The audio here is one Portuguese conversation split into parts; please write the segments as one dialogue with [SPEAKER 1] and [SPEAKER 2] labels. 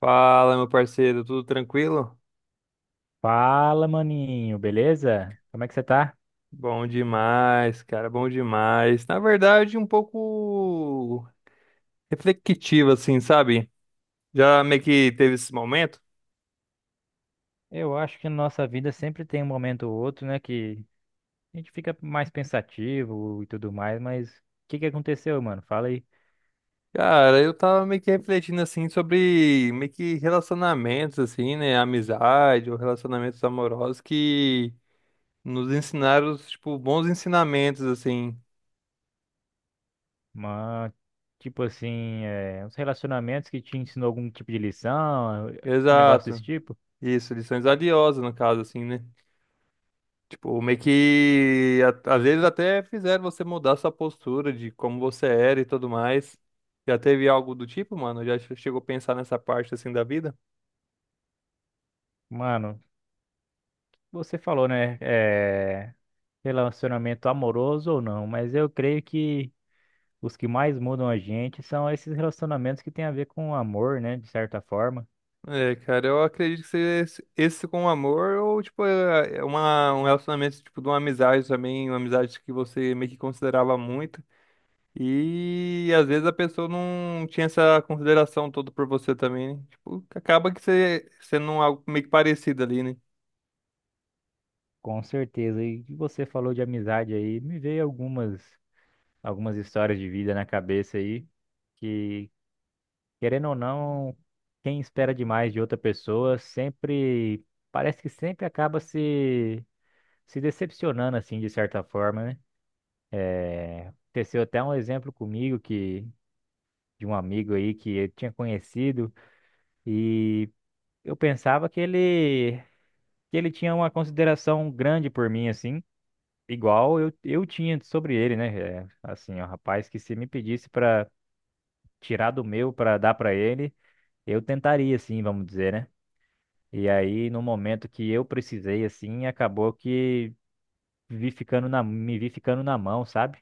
[SPEAKER 1] Fala, meu parceiro, tudo tranquilo?
[SPEAKER 2] Fala, maninho, beleza? Como é que você tá?
[SPEAKER 1] Bom demais, cara, bom demais. Na verdade, um pouco reflexivo, assim, sabe? Já meio que teve esse momento.
[SPEAKER 2] Eu acho que na nossa vida sempre tem um momento ou outro, né, que a gente fica mais pensativo e tudo mais, mas o que aconteceu, mano? Fala aí.
[SPEAKER 1] Cara, eu tava meio que refletindo, assim, sobre meio que relacionamentos, assim, né? Amizade ou relacionamentos amorosos que nos ensinaram, tipo, bons ensinamentos, assim.
[SPEAKER 2] Mano, tipo assim, uns relacionamentos que te ensinou algum tipo de lição, um negócio desse
[SPEAKER 1] Exato.
[SPEAKER 2] tipo?
[SPEAKER 1] Isso, lições valiosas, no caso, assim, né? Tipo, meio que às vezes até fizeram você mudar sua postura de como você era e tudo mais. Já teve algo do tipo, mano? Já chegou a pensar nessa parte assim da vida?
[SPEAKER 2] Mano, você falou, né, relacionamento amoroso ou não, mas eu creio que os que mais mudam a gente são esses relacionamentos que têm a ver com amor, né, de certa forma.
[SPEAKER 1] É, cara, eu acredito que esse com amor ou tipo é uma, um relacionamento tipo de uma amizade também, uma amizade que você meio que considerava muito. E às vezes a pessoa não tinha essa consideração toda por você também, né? Tipo, acaba que você sendo algo meio que parecido ali, né?
[SPEAKER 2] Com certeza. E que você falou de amizade aí, me veio algumas histórias de vida na cabeça aí que, querendo ou não, quem espera demais de outra pessoa sempre parece que sempre acaba se decepcionando assim de certa forma, né? Aconteceu até um exemplo comigo que de um amigo aí que eu tinha conhecido e eu pensava que ele tinha uma consideração grande por mim assim. Igual eu tinha sobre ele, né? É, assim, ó, rapaz, que se me pedisse pra tirar do meu pra dar pra ele, eu tentaria, assim, vamos dizer, né? E aí, no momento que eu precisei, assim, acabou que me vi ficando na mão, sabe?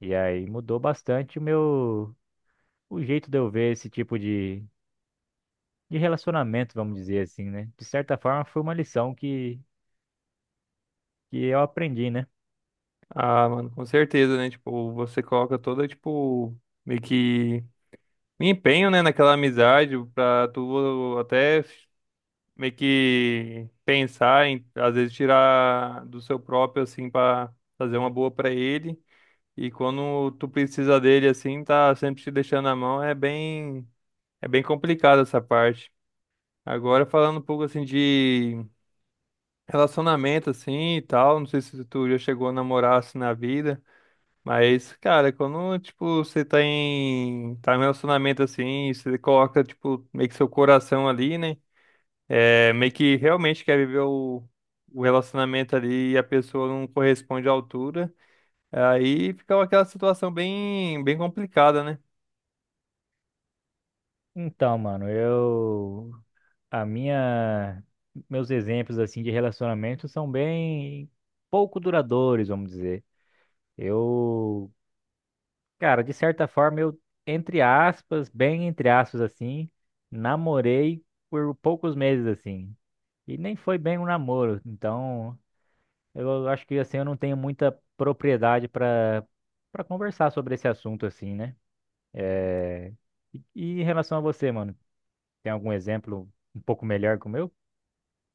[SPEAKER 2] E aí mudou bastante o meu, o jeito de eu ver esse tipo de relacionamento, vamos dizer assim, né? De certa forma, foi uma lição que eu aprendi, né?
[SPEAKER 1] Ah, mano, com certeza, né? Tipo, você coloca toda, tipo, meio que um empenho, né, naquela amizade pra tu até meio que pensar em, às vezes, tirar do seu próprio, assim, pra fazer uma boa pra ele. E quando tu precisa dele, assim, tá sempre te deixando na mão, é bem complicado essa parte. Agora, falando um pouco, assim, de relacionamento, assim, e tal, não sei se tu já chegou a namorar, assim, na vida. Mas, cara, quando, tipo, você tá tá em um relacionamento assim, você coloca, tipo, meio que seu coração ali, né? É, meio que realmente quer viver o relacionamento ali e a pessoa não corresponde à altura, aí fica aquela situação bem, bem complicada, né?
[SPEAKER 2] Então, mano, eu a minha meus exemplos assim de relacionamento são bem pouco duradouros, vamos dizer. Eu, cara, de certa forma eu entre aspas, bem entre aspas assim, namorei por poucos meses assim. E nem foi bem um namoro, então eu acho que assim eu não tenho muita propriedade para para conversar sobre esse assunto assim, né? E em relação a você, mano, tem algum exemplo um pouco melhor que o meu?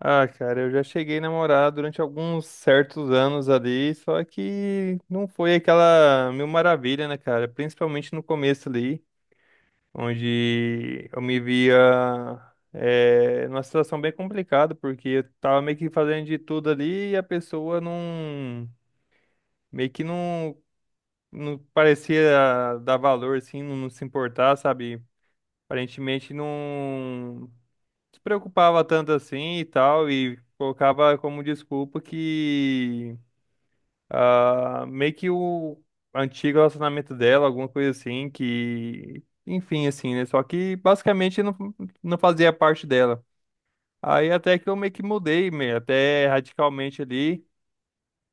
[SPEAKER 1] Ah, cara, eu já cheguei a namorar durante alguns certos anos ali, só que não foi aquela mil maravilha, né, cara? Principalmente no começo ali, onde eu me via numa situação bem complicada, porque eu tava meio que fazendo de tudo ali e a pessoa não, meio que não, não parecia dar valor, assim, não, não se importar, sabe? Aparentemente não se preocupava tanto assim e tal, e colocava como desculpa que ah, meio que o antigo relacionamento dela, alguma coisa assim, que. Enfim, assim, né? Só que basicamente não, não fazia parte dela. Aí até que eu meio que mudei, meio, até radicalmente ali.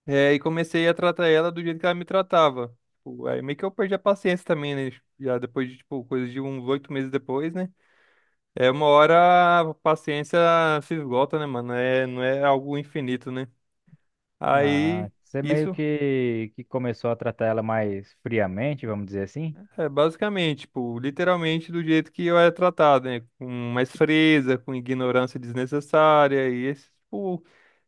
[SPEAKER 1] É, e comecei a tratar ela do jeito que ela me tratava. Tipo, aí meio que eu perdi a paciência também, né? Já depois de, tipo, coisa de uns 8 meses depois, né? É, uma hora a paciência se esgota, né, mano? É, não é algo infinito, né?
[SPEAKER 2] Ah,
[SPEAKER 1] Aí.
[SPEAKER 2] você meio
[SPEAKER 1] Isso.
[SPEAKER 2] que começou a tratar ela mais friamente, vamos dizer assim?
[SPEAKER 1] É, basicamente, tipo, literalmente do jeito que eu era tratado, né? Com mais freza, com ignorância desnecessária e esse, tipo,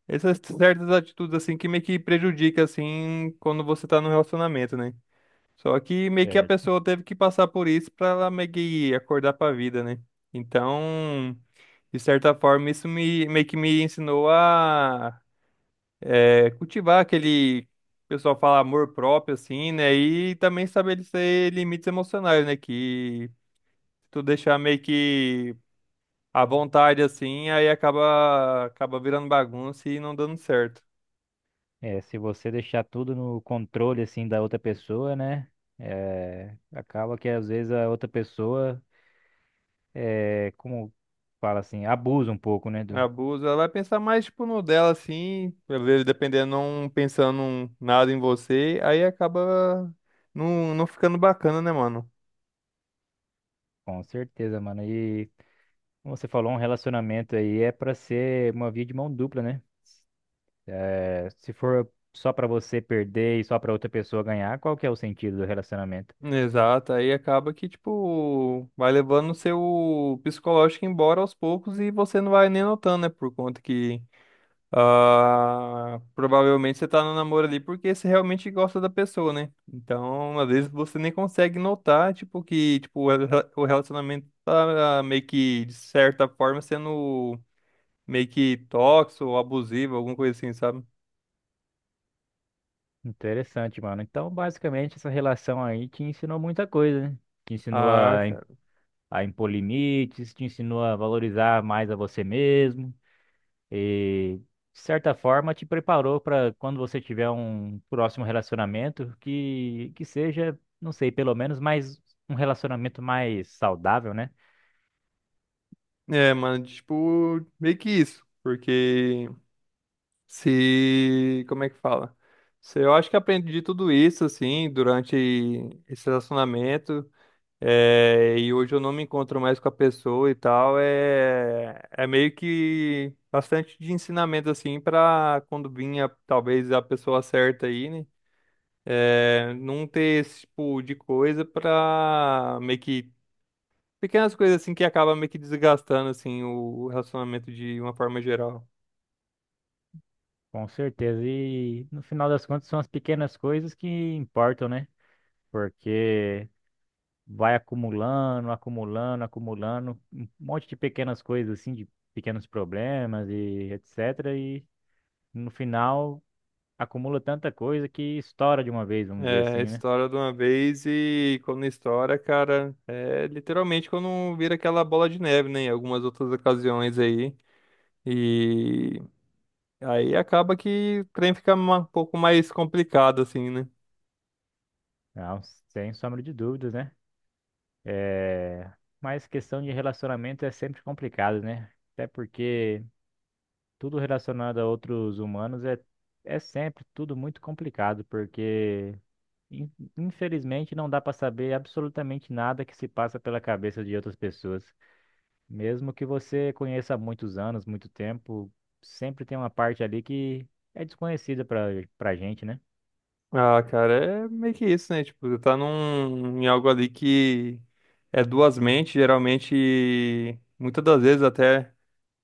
[SPEAKER 1] essas certas atitudes, assim, que meio que prejudica, assim, quando você tá no relacionamento, né? Só que meio que a
[SPEAKER 2] Certo.
[SPEAKER 1] pessoa teve que passar por isso pra ela meio que acordar pra vida, né? Então, de certa forma, isso me, meio que me ensinou a cultivar aquele... O pessoal fala amor próprio, assim, né? E também estabelecer limites emocionais, né? Que tu deixar meio que à vontade assim, aí acaba virando bagunça e não dando certo.
[SPEAKER 2] É, se você deixar tudo no controle, assim, da outra pessoa, né? É, acaba que às vezes a outra pessoa, é, como fala assim, abusa um pouco, né?
[SPEAKER 1] Abuso, ela vai pensar mais tipo no dela assim, às vezes dependendo não pensando nada em você, aí acaba não, não ficando bacana, né, mano?
[SPEAKER 2] Com certeza, mano. E como você falou, um relacionamento aí é pra ser uma via de mão dupla, né? É, se for só pra você perder e só pra outra pessoa ganhar, qual que é o sentido do relacionamento?
[SPEAKER 1] Exato, aí acaba que tipo vai levando o seu psicológico embora aos poucos e você não vai nem notando, né, por conta que ah, provavelmente você tá no namoro ali porque você realmente gosta da pessoa, né? Então, às vezes você nem consegue notar, tipo, que tipo, o o relacionamento tá meio que, de certa forma, sendo meio que tóxico ou abusivo, alguma coisa assim, sabe?
[SPEAKER 2] Interessante, mano. Então, basicamente, essa relação aí te ensinou muita coisa, né? Te ensinou
[SPEAKER 1] Ah,
[SPEAKER 2] a, im-
[SPEAKER 1] cara.
[SPEAKER 2] a impor limites, te ensinou a valorizar mais a você mesmo e, de certa forma, te preparou para quando você tiver um próximo relacionamento que seja, não sei, pelo menos mais um relacionamento mais saudável, né?
[SPEAKER 1] É, mano, tipo, meio que isso. Porque se. Como é que fala? Se eu acho que aprendi tudo isso, assim, durante esse relacionamento. É, e hoje eu não me encontro mais com a pessoa e tal, é, é meio que bastante de ensinamento assim para quando vinha talvez a pessoa certa aí, né? É, não ter esse tipo de coisa pra meio que pequenas coisas assim que acaba meio que desgastando assim o relacionamento de uma forma geral.
[SPEAKER 2] Com certeza. E no final das contas, são as pequenas coisas que importam, né? Porque. Vai acumulando, acumulando, acumulando, um monte de pequenas coisas assim, de pequenos problemas e etc. E no final acumula tanta coisa que estoura de uma vez, vamos dizer
[SPEAKER 1] É,
[SPEAKER 2] assim, né?
[SPEAKER 1] estoura de uma vez e quando estoura, cara, é literalmente quando vira aquela bola de neve, né? Em algumas outras ocasiões aí. E aí acaba que o trem fica um pouco mais complicado, assim, né?
[SPEAKER 2] Não, sem sombra de dúvidas, né? É... Mas questão de relacionamento é sempre complicado, né? Até porque tudo relacionado a outros humanos é sempre tudo muito complicado, porque In- Infelizmente, não dá para saber absolutamente nada que se passa pela cabeça de outras pessoas. Mesmo que você conheça há muitos anos, muito tempo, sempre tem uma parte ali que é desconhecida para para gente, né?
[SPEAKER 1] Ah, cara, é meio que isso, né? Tipo, você tá num, em algo ali que é duas mentes, geralmente, e muitas das vezes até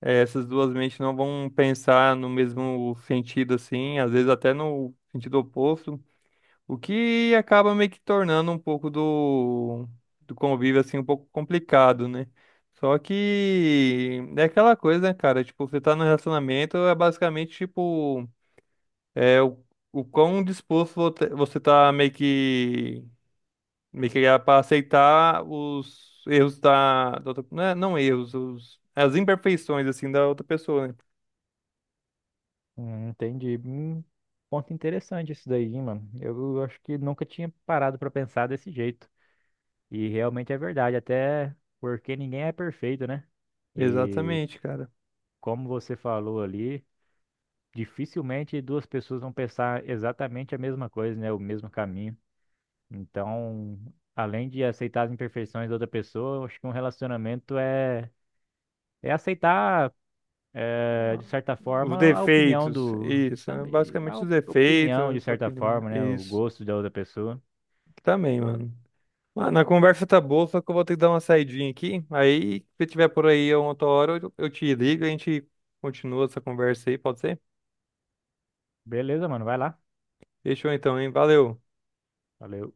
[SPEAKER 1] essas duas mentes não vão pensar no mesmo sentido, assim, às vezes até no sentido oposto. O que acaba meio que tornando um pouco do, do convívio, assim, um pouco complicado, né? Só que é aquela coisa, né, cara? Tipo, você tá no relacionamento, é basicamente, tipo, é o quão disposto você tá meio que é pra aceitar os erros da, da outra, não, não erros, os, as imperfeições, assim, da outra pessoa, né?
[SPEAKER 2] Entendi. Ponto interessante isso daí, hein, mano. Eu acho que nunca tinha parado pra pensar desse jeito. E realmente é verdade, até porque ninguém é perfeito, né? E
[SPEAKER 1] Exatamente, cara.
[SPEAKER 2] como você falou ali. Dificilmente duas pessoas vão pensar exatamente a mesma coisa, né? O mesmo caminho. Então, além de aceitar as imperfeições da outra pessoa, eu acho que um relacionamento é aceitar, de certa
[SPEAKER 1] Os
[SPEAKER 2] forma, a opinião
[SPEAKER 1] defeitos,
[SPEAKER 2] do.
[SPEAKER 1] isso, né?
[SPEAKER 2] Também, a
[SPEAKER 1] Basicamente os
[SPEAKER 2] op- opinião, de
[SPEAKER 1] defeitos, sua
[SPEAKER 2] certa
[SPEAKER 1] opinião,
[SPEAKER 2] forma, né? O
[SPEAKER 1] isso
[SPEAKER 2] gosto da outra pessoa.
[SPEAKER 1] também, mano. Mano, a conversa tá boa, só que eu vou ter que dar uma saidinha aqui. Aí, se tiver por aí a outra hora, eu te ligo e a gente continua essa conversa aí, pode ser?
[SPEAKER 2] Beleza, mano, vai lá.
[SPEAKER 1] Fechou então, hein? Valeu.
[SPEAKER 2] Valeu.